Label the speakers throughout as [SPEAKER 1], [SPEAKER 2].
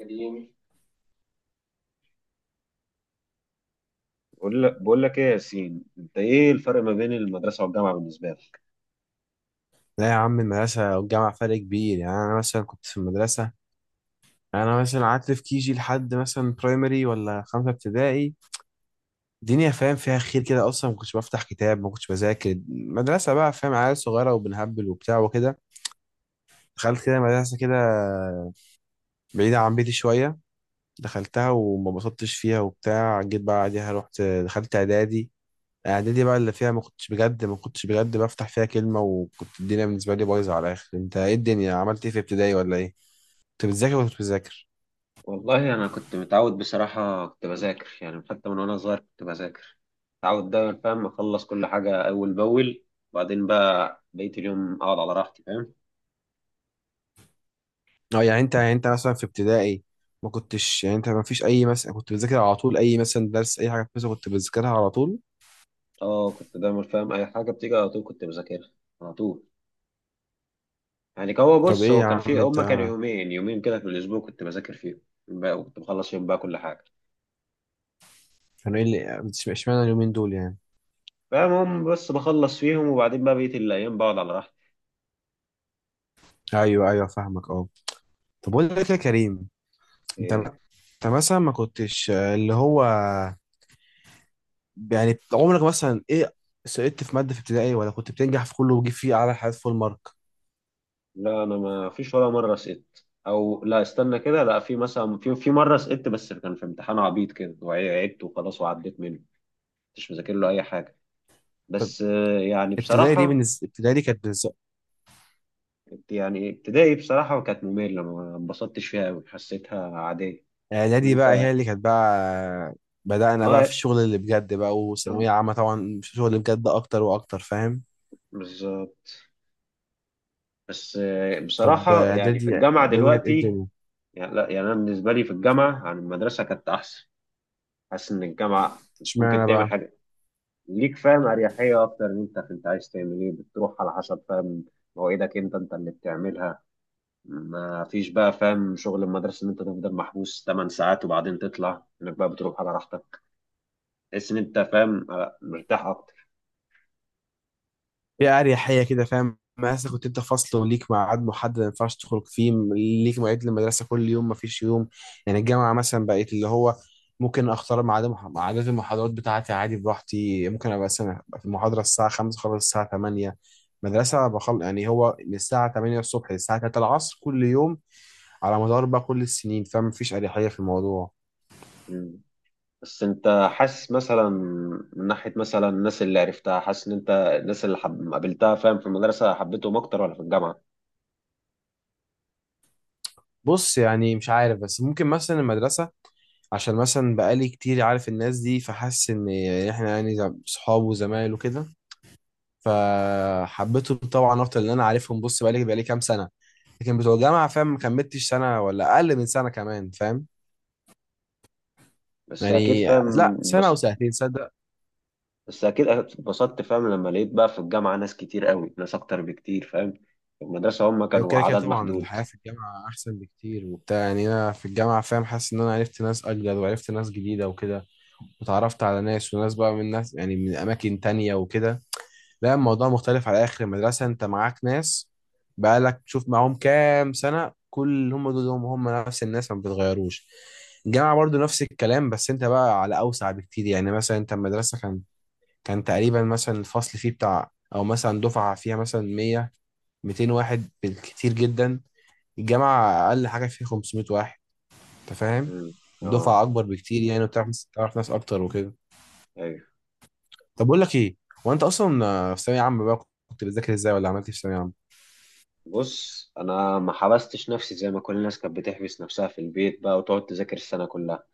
[SPEAKER 1] قديم. بقول لك ايه يا ياسين، انت ايه الفرق ما بين المدرسه والجامعه بالنسبه لك؟
[SPEAKER 2] لا يا عم، المدرسة والجامعة فرق كبير. يعني أنا مثلا كنت في المدرسة، أنا مثلا قعدت في كيجي لحد مثلا برايمري ولا خمسة ابتدائي. الدنيا فاهم فيها خير كده، أصلا ما كنتش بفتح كتاب ما كنتش بذاكر. مدرسة بقى فاهم، عيال صغيرة وبنهبل وبتاع وكده. دخلت كده مدرسة كده بعيدة عن بيتي شوية، دخلتها وما بسطتش فيها وبتاع. جيت بقى بعديها رحت دخلت إعدادي. إعدادي بقى اللي فيها ما كنتش بجد بفتح فيها كلمة، وكنت الدنيا بالنسبة لي بايظة على الآخر. أنت إيه الدنيا، عملت إيه في ابتدائي ولا إيه؟ كنت بتذاكر ولا كنت بتذاكر؟
[SPEAKER 1] والله انا كنت متعود، بصراحه كنت بذاكر يعني حتى من وانا صغير كنت بذاكر، متعود دايما فاهم اخلص كل حاجه اول باول، وبعدين بقى بقيه اليوم اقعد على راحتي، فاهم.
[SPEAKER 2] اه، يعني انت، يعني انت مثلا في ابتدائي ما كنتش، يعني انت ما فيش اي، مثلا كنت بتذاكر على طول اي مثلا درس اي حاجه مثلا كنت بتذاكرها على طول؟
[SPEAKER 1] اه، كنت دايما فاهم اي حاجه بتيجي على طول كنت بذاكرها على طول. يعني كان هو
[SPEAKER 2] طب
[SPEAKER 1] بص
[SPEAKER 2] ايه
[SPEAKER 1] هو
[SPEAKER 2] يا
[SPEAKER 1] كان في
[SPEAKER 2] عم انت،
[SPEAKER 1] هما كانوا يومين يومين كده في الاسبوع كنت بذاكر فيهم بقى، وكنت بخلص فيهم بقى كل حاجه،
[SPEAKER 2] كانوا ايه اللي اشمعنى اليومين دول يعني؟
[SPEAKER 1] فاهم، هم بس بخلص فيهم، وبعدين بقى بقيه الايام بقعد على راحتي.
[SPEAKER 2] ايوه ايوه فاهمك اه. طب اقول لك إيه يا كريم، انت
[SPEAKER 1] إيه،
[SPEAKER 2] مثلا ما كنتش اللي هو، يعني عمرك مثلا ايه سقطت في ماده في ابتدائي، ولا كنت بتنجح في كله وتجيب فيه اعلى حاجات فول مارك؟
[SPEAKER 1] لا انا ما فيش ولا مره سقطت، او لا، استنى كده، لا، في مثلا، في مره سقطت، بس كان في امتحان عبيط كده وعدت وخلاص وعديت منه، مش مذاكر له اي حاجه.
[SPEAKER 2] طب
[SPEAKER 1] بس يعني
[SPEAKER 2] ابتدائي دي
[SPEAKER 1] بصراحه،
[SPEAKER 2] بالنسبه، ابتدائي دي كانت.
[SPEAKER 1] يعني ابتدائي بصراحه كانت ممله، ما انبسطتش فيها قوي، حسيتها عاديه.
[SPEAKER 2] اعدادي بقى
[SPEAKER 1] انت
[SPEAKER 2] هي اللي كانت بقى بدأنا بقى
[SPEAKER 1] اه،
[SPEAKER 2] في الشغل اللي بجد بقى، وثانوية عامة طبعا في الشغل اللي بجد اكتر واكتر فاهم.
[SPEAKER 1] بالظبط. بس
[SPEAKER 2] طب
[SPEAKER 1] بصراحه يعني في
[SPEAKER 2] اعدادي،
[SPEAKER 1] الجامعه
[SPEAKER 2] اعدادي كانت ايه
[SPEAKER 1] دلوقتي.
[SPEAKER 2] الدنيا،
[SPEAKER 1] يعني لا، يعني انا بالنسبه لي في الجامعه عن المدرسه كانت احسن. حاسس ان الجامعه ممكن
[SPEAKER 2] اشمعنى
[SPEAKER 1] تعمل
[SPEAKER 2] بقى؟
[SPEAKER 1] حاجات ليك، فاهم، اريحيه اكتر، ان انت عايز تعمل ايه بتروح على حسب، فاهم، مواعيدك، انت اللي بتعملها. ما فيش بقى فاهم شغل المدرسه، ان انت تفضل محبوس 8 ساعات وبعدين تطلع انك بقى بتروح على راحتك. تحس ان انت فاهم، مرتاح اكتر.
[SPEAKER 2] هي أريحية كده فاهم. مثلا كنت انت فصل وليك ميعاد محدد ما ينفعش تخرج فيه، ليك مواعيد للمدرسة كل يوم ما فيش يوم. يعني الجامعة مثلا بقيت اللي هو ممكن اختار ميعاد ميعادات المحاضرات بتاعتي عادي براحتي. ممكن ابقى مثلا أبقى في المحاضرة الساعة 5 خلص الساعة 8. مدرسة بخل، يعني هو من الساعة 8 الصبح للساعة 3 العصر كل يوم، على مدار بقى كل السنين، فما فيش أريحية في الموضوع.
[SPEAKER 1] مم. بس انت حاسس مثلا، من ناحيه مثلا الناس اللي عرفتها، حاسس ان انت الناس اللي قابلتها فاهم في المدرسه حبيتهم اكتر ولا في الجامعه؟
[SPEAKER 2] بص، يعني مش عارف، بس ممكن مثلا المدرسة عشان مثلا بقالي كتير عارف الناس دي، فحاسس ان احنا يعني صحاب وزمايل وكده، فحبيتهم طبعا اكتر لان انا عارفهم. بص، بقالي كام سنه. لكن بتوع الجامعه فاهم ما كملتش سنه، ولا اقل من سنه كمان فاهم
[SPEAKER 1] بس اكيد
[SPEAKER 2] يعني،
[SPEAKER 1] فاهم
[SPEAKER 2] لا سنه
[SPEAKER 1] بس
[SPEAKER 2] او سنتين صدق.
[SPEAKER 1] بس اكيد اتبسطت فاهم لما لقيت بقى في الجامعه ناس كتير قوي، ناس اكتر بكتير، فاهم. في المدرسه هم
[SPEAKER 2] لو
[SPEAKER 1] كانوا
[SPEAKER 2] كده كده
[SPEAKER 1] عدد
[SPEAKER 2] طبعا
[SPEAKER 1] محدود.
[SPEAKER 2] الحياه في الجامعه احسن بكتير وبتاع. يعني انا في الجامعه فاهم حاسس ان انا عرفت ناس اجدد وعرفت ناس جديده وكده، وتعرفت على ناس، وناس بقى من ناس يعني من اماكن تانية وكده. لا، الموضوع مختلف على اخر. المدرسه انت معاك ناس بقالك تشوف معاهم كام سنه، كل هم دول هم نفس الناس ما بتتغيروش. الجامعه برضو نفس الكلام، بس انت بقى على اوسع بكتير. يعني مثلا انت المدرسه كان، كان تقريبا مثلا الفصل فيه بتاع، او مثلا دفعه فيها مثلا 100 200 واحد بالكتير جدا. الجامعه اقل حاجه فيه 500 واحد، انت فاهم؟
[SPEAKER 1] امم، اه،
[SPEAKER 2] دفعه اكبر بكتير يعني، وبتعرف تعرف ناس اكتر وكده.
[SPEAKER 1] ايوه.
[SPEAKER 2] طب بقول لك ايه، هو انت اصلا في ثانويه عامه بقى كنت بتذاكر ازاي، ولا عملت إيه في ثانويه عامه؟
[SPEAKER 1] بص، انا ما حبستش نفسي زي ما كل الناس كانت بتحبس نفسها في البيت بقى، وتقعد تذاكر السنه كلها.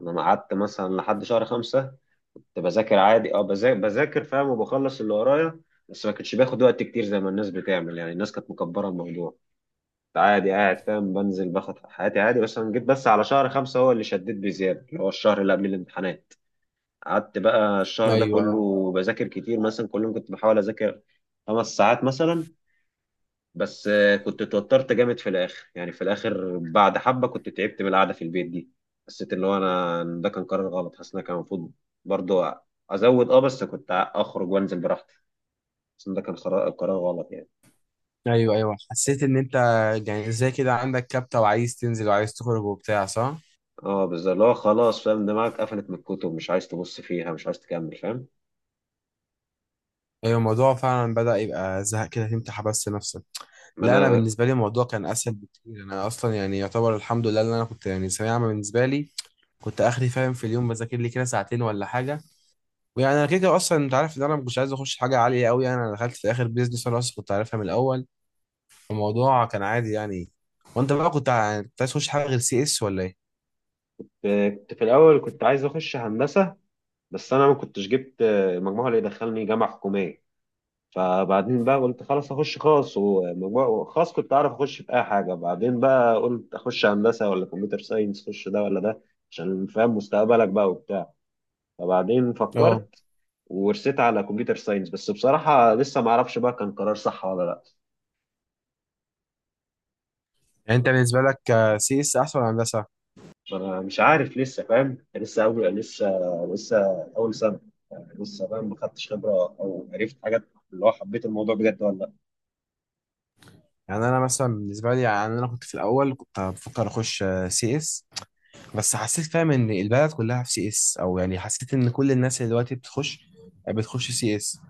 [SPEAKER 1] انا ما قعدت مثلا لحد شهر 5، كنت بذاكر عادي، اه، بذاكر فاهم وبخلص اللي ورايا. بس ما كنتش باخد وقت كتير زي ما الناس بتعمل، يعني الناس كانت مكبره الموضوع. عادي قاعد فاهم بنزل باخد حياتي عادي، بس انا جيت بس على شهر 5 هو اللي شديت بزيادة، اللي هو الشهر اللي قبل الامتحانات. قعدت بقى الشهر ده
[SPEAKER 2] ايوه آه.
[SPEAKER 1] كله بذاكر كتير، مثلا كل يوم كنت بحاول اذاكر 5 ساعات مثلا. بس كنت اتوترت جامد في الاخر، يعني في الاخر بعد حبة كنت تعبت من القعدة في البيت دي. حسيت اللي هو انا إن ده كان قرار غلط، حاسس ان أنا كان المفروض برضه ازود، بس كنت اخرج وانزل براحتي. حاسس ان ده كان قرار غلط يعني.
[SPEAKER 2] ايوه ايوه حسيت ان انت يعني زي كده عندك كبتة وعايز تنزل وعايز تخرج وبتاع، صح؟
[SPEAKER 1] اه بالظبط، اللي هو خلاص فاهم دماغك قفلت من الكتب، مش عايز تبص فيها، مش عايز تكمل فاهم.
[SPEAKER 2] ايوه، الموضوع فعلا بدأ يبقى زهق كده، تمتح بس نفسك.
[SPEAKER 1] ما
[SPEAKER 2] لا، انا
[SPEAKER 1] انا
[SPEAKER 2] بالنسبة لي الموضوع كان اسهل بكتير. انا اصلا يعني يعتبر الحمد لله ان انا كنت، يعني ثانوية عامة بالنسبة لي كنت اخري فاهم، في اليوم بذاكر لي كده ساعتين ولا حاجة، ويعني انا كده كده اصلا انت عارف ان انا ما كنتش عايز اخش حاجة عالية قوي. يعني انا دخلت في اخر بيزنس، انا اصلا كنت عارفها من الاول، الموضوع كان عادي يعني. وانت بقى كنت كنت عايز تخش حاجة غير سي اس، ولا ايه؟
[SPEAKER 1] كنت في الاول كنت عايز اخش هندسه، بس انا ما كنتش جبت المجموع اللي يدخلني جامعه حكوميه، فبعدين بقى قلت خلاص اخش خاص، ومجموع خاص كنت اعرف اخش في اي حاجه، بعدين بقى قلت اخش هندسه ولا كمبيوتر ساينس، اخش ده ولا ده، عشان فاهم مستقبلك بقى وبتاع. فبعدين
[SPEAKER 2] اه،
[SPEAKER 1] فكرت ورسيت على كمبيوتر ساينس، بس بصراحه لسه ما اعرفش بقى كان قرار صح ولا لا.
[SPEAKER 2] يعني انت بالنسبه لك سي اس احسن ولا هندسه؟
[SPEAKER 1] ما أنا مش عارف لسه فاهم لسه أول سنة، يعني لسه فاهم ما خدتش خبرة، أو عرفت حاجات اللي هو حبيت الموضوع بجد ولا لأ.
[SPEAKER 2] يعني انا مثلا بالنسبه لي، يعني انا كنت في الاول كنت بفكر اخش سي اس، بس حسيت فاهم ان البلد كلها في سي اس. او يعني حسيت ان كل الناس اللي دلوقتي بتخش سي اس.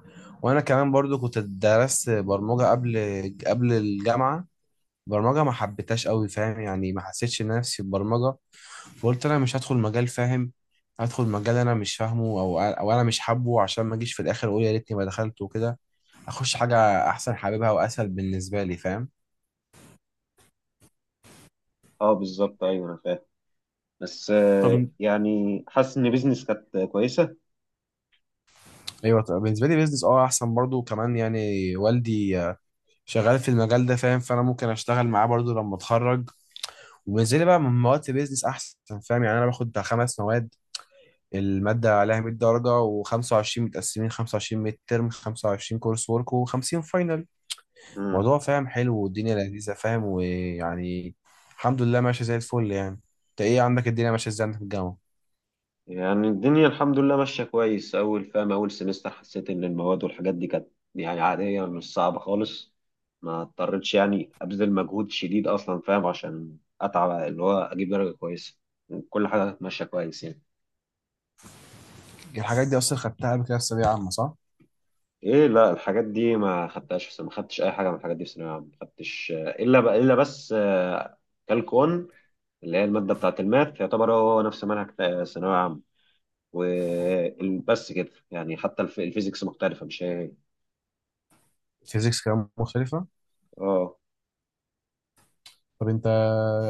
[SPEAKER 2] وانا كمان برضو كنت درست برمجه قبل، الجامعه. برمجه ما حبيتهاش قوي فاهم، يعني ما حسيتش نفسي في البرمجه، وقلت انا مش هدخل مجال فاهم، هدخل مجال انا مش فاهمه، او انا مش حابه، عشان ما اجيش في الاخر اقول يا ريتني ما دخلت وكده. اخش حاجه احسن حاببها واسهل بالنسبه لي فاهم.
[SPEAKER 1] أه بالظبط، أيوه أنا فاهم. بس
[SPEAKER 2] طب انت.
[SPEAKER 1] يعني حاسس إن بيزنس كانت كويسة.
[SPEAKER 2] ايوه طبعا. بالنسبه لي بيزنس اه احسن برضو كمان. يعني والدي شغال في المجال ده فاهم، فانا ممكن اشتغل معاه برضو لما اتخرج. وبالنسبه لي بقى من مواد، بيزنس احسن فاهم. يعني انا باخد بتاع 5 مواد، الماده عليها 100 درجه، و25 متقسمين: 25 ميد ترم، 25 كورس ورك، و50 فاينل.
[SPEAKER 1] امم.
[SPEAKER 2] الموضوع فاهم حلو، والدنيا لذيذه فاهم، ويعني الحمد لله ماشيه زي الفل يعني. انت ايه عندك، الدنيا ماشيه ازاي عندك في الجامعه؟
[SPEAKER 1] يعني الدنيا الحمد لله ماشية كويس، أول فاهم أول سمستر حسيت إن المواد والحاجات دي كانت، يعني عادية، مش صعبة خالص. ما اضطريتش يعني أبذل مجهود شديد أصلا فاهم عشان أتعب، اللي هو أجيب درجة كويسة. كل حاجة كانت ماشية كويس يعني.
[SPEAKER 2] الحاجات دي اصلا خدتها قبل كده في ثانويه عامه، صح؟
[SPEAKER 1] ايه لا، الحاجات دي ما خدتهاش في سنة. ما خدتش اي حاجه من الحاجات دي في ثانويه عامه، ما خدتش الا بس كالكون، اللي هي الماده بتاعه الماث، يعتبر هو نفس منهج ثانويه عامه. وبس كده يعني، حتى الفيزيكس مختلفه، مش هي هي.
[SPEAKER 2] فيزيكس كمان مختلفة.
[SPEAKER 1] اه.
[SPEAKER 2] طب انت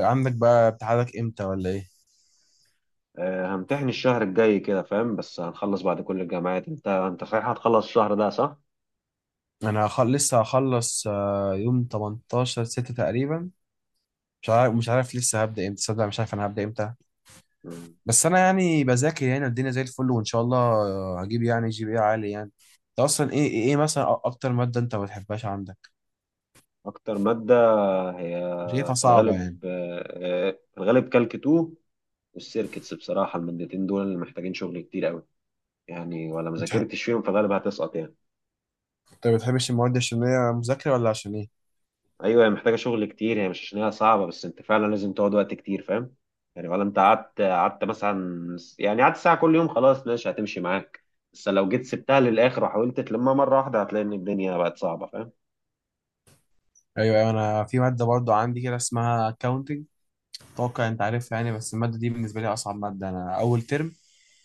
[SPEAKER 2] عندك بقى امتحانك امتى ولا ايه؟
[SPEAKER 1] همتحن الشهر الجاي كده فاهم، بس هنخلص بعد كل الجامعات، انت صحيح هتخلص الشهر ده صح؟
[SPEAKER 2] انا لسه هخلص يوم 18 6 تقريبا. مش عارف، لسه هبدأ امتى صدق، مش عارف انا هبدأ امتى.
[SPEAKER 1] مم.
[SPEAKER 2] بس انا يعني بذاكر، يعني الدنيا زي الفل، وان شاء الله هجيب يعني جي بي اي عالي يعني. انت اصلا ايه مثلا اكتر مادة انت ما بتحبهاش عندك،
[SPEAKER 1] اكتر ماده هي
[SPEAKER 2] شايفها
[SPEAKER 1] في
[SPEAKER 2] صعبة يعني؟
[SPEAKER 1] الغالب آه، آه، في الغالب كالك 2، والسيركتس بصراحه، المادتين دول اللي محتاجين شغل كتير قوي يعني، ولا ما
[SPEAKER 2] بتح-
[SPEAKER 1] ذاكرتش فيهم فغالبا هتسقط يعني.
[SPEAKER 2] انت ما بتحبش المواد عشان هي مذاكرة، ولا عشان ايه؟
[SPEAKER 1] ايوه، هي محتاجه شغل كتير، هي مش عشان هي صعبه بس انت فعلا لازم تقعد وقت كتير فاهم. يعني ولا انت قعدت مثلا، يعني قعدت ساعه كل يوم خلاص ماشي هتمشي معاك. بس لو جيت سبتها للاخر وحاولت تلمها مره واحده هتلاقي ان الدنيا بقت صعبه فاهم.
[SPEAKER 2] ايوه ايوه، انا في مادة برضو عندي كده اسمها accounting. اتوقع انت عارف يعني. بس الماده دي بالنسبه لي اصعب ماده. انا اول ترم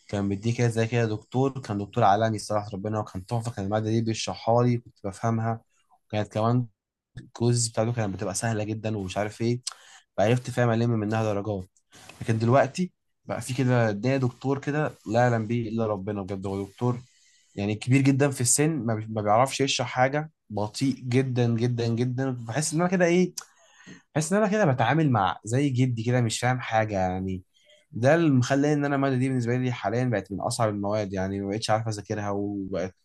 [SPEAKER 2] كان بيديه كده زي كده دكتور، كان دكتور عالمي صراحه ربنا، وكان تحفه، كان الماده دي بيشرحها لي كنت بفهمها، وكانت كمان الكويز بتاعته كانت بتبقى سهله جدا ومش عارف ايه، فعرفت فاهم الم منها درجات. لكن دلوقتي بقى في كده ده دكتور كده لا يعلم به الا ربنا بجد، هو دكتور يعني كبير جدا في السن، ما بيعرفش يشرح حاجه، بطيء جدا جدا جدا، بحس ان انا كده ايه، بحس ان انا كده بتعامل مع زي جدي كده مش فاهم حاجه يعني. ده اللي مخلي ان انا الماده دي بالنسبه لي حاليا بقت من اصعب المواد، يعني ما بقتش عارف اذاكرها، وبقت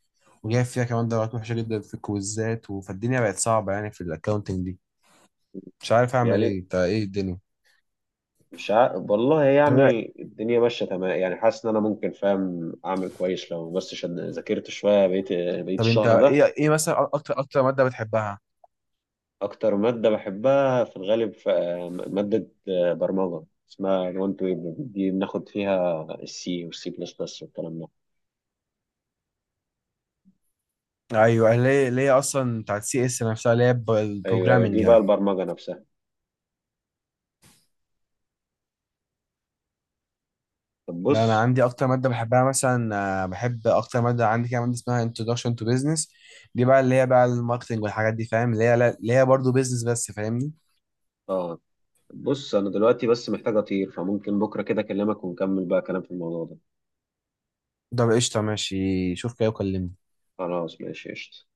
[SPEAKER 2] وجايب فيها كمان درجات وحشه جدا في الكويزات، فالدنيا بقت صعبه يعني في الاكونتنج دي مش عارف اعمل
[SPEAKER 1] يعني
[SPEAKER 2] ايه. انت ايه الدنيا؟
[SPEAKER 1] مش ع... والله
[SPEAKER 2] طب،
[SPEAKER 1] يعني الدنيا ماشيه تمام، يعني حاسس ان انا ممكن فاهم اعمل كويس لو بس ذاكرت شويه، بقيت
[SPEAKER 2] طب انت
[SPEAKER 1] الشهر
[SPEAKER 2] ايه،
[SPEAKER 1] ده.
[SPEAKER 2] مثلا اكتر ماده بتحبها؟
[SPEAKER 1] أكتر مادة بحبها في الغالب مادة برمجة اسمها الوان تو ويب، دي بناخد فيها السي والسي بلس بلس والكلام ده.
[SPEAKER 2] ايوه، ليه اصلا بتاعت سي اس نفسها، اللي هي
[SPEAKER 1] أيوه أيوه
[SPEAKER 2] البروجرامنج
[SPEAKER 1] دي بقى
[SPEAKER 2] يعني؟
[SPEAKER 1] البرمجة نفسها. طب
[SPEAKER 2] لا، انا
[SPEAKER 1] بص،
[SPEAKER 2] عندي اكتر ماده بحبها مثلا، بحب اكتر ماده عندي كده ماده اسمها introduction to business. دي بقى اللي هي بقى الماركتنج والحاجات دي فاهم، اللي هي برضه بيزنس بس فاهمني.
[SPEAKER 1] آه أنا دلوقتي بس محتاج أطير، فممكن بكرة كده أكلمك ونكمل بقى كلام في الموضوع ده.
[SPEAKER 2] ده قشطة، ماشي، شوف كده وكلمني.
[SPEAKER 1] خلاص ماشي قشطة.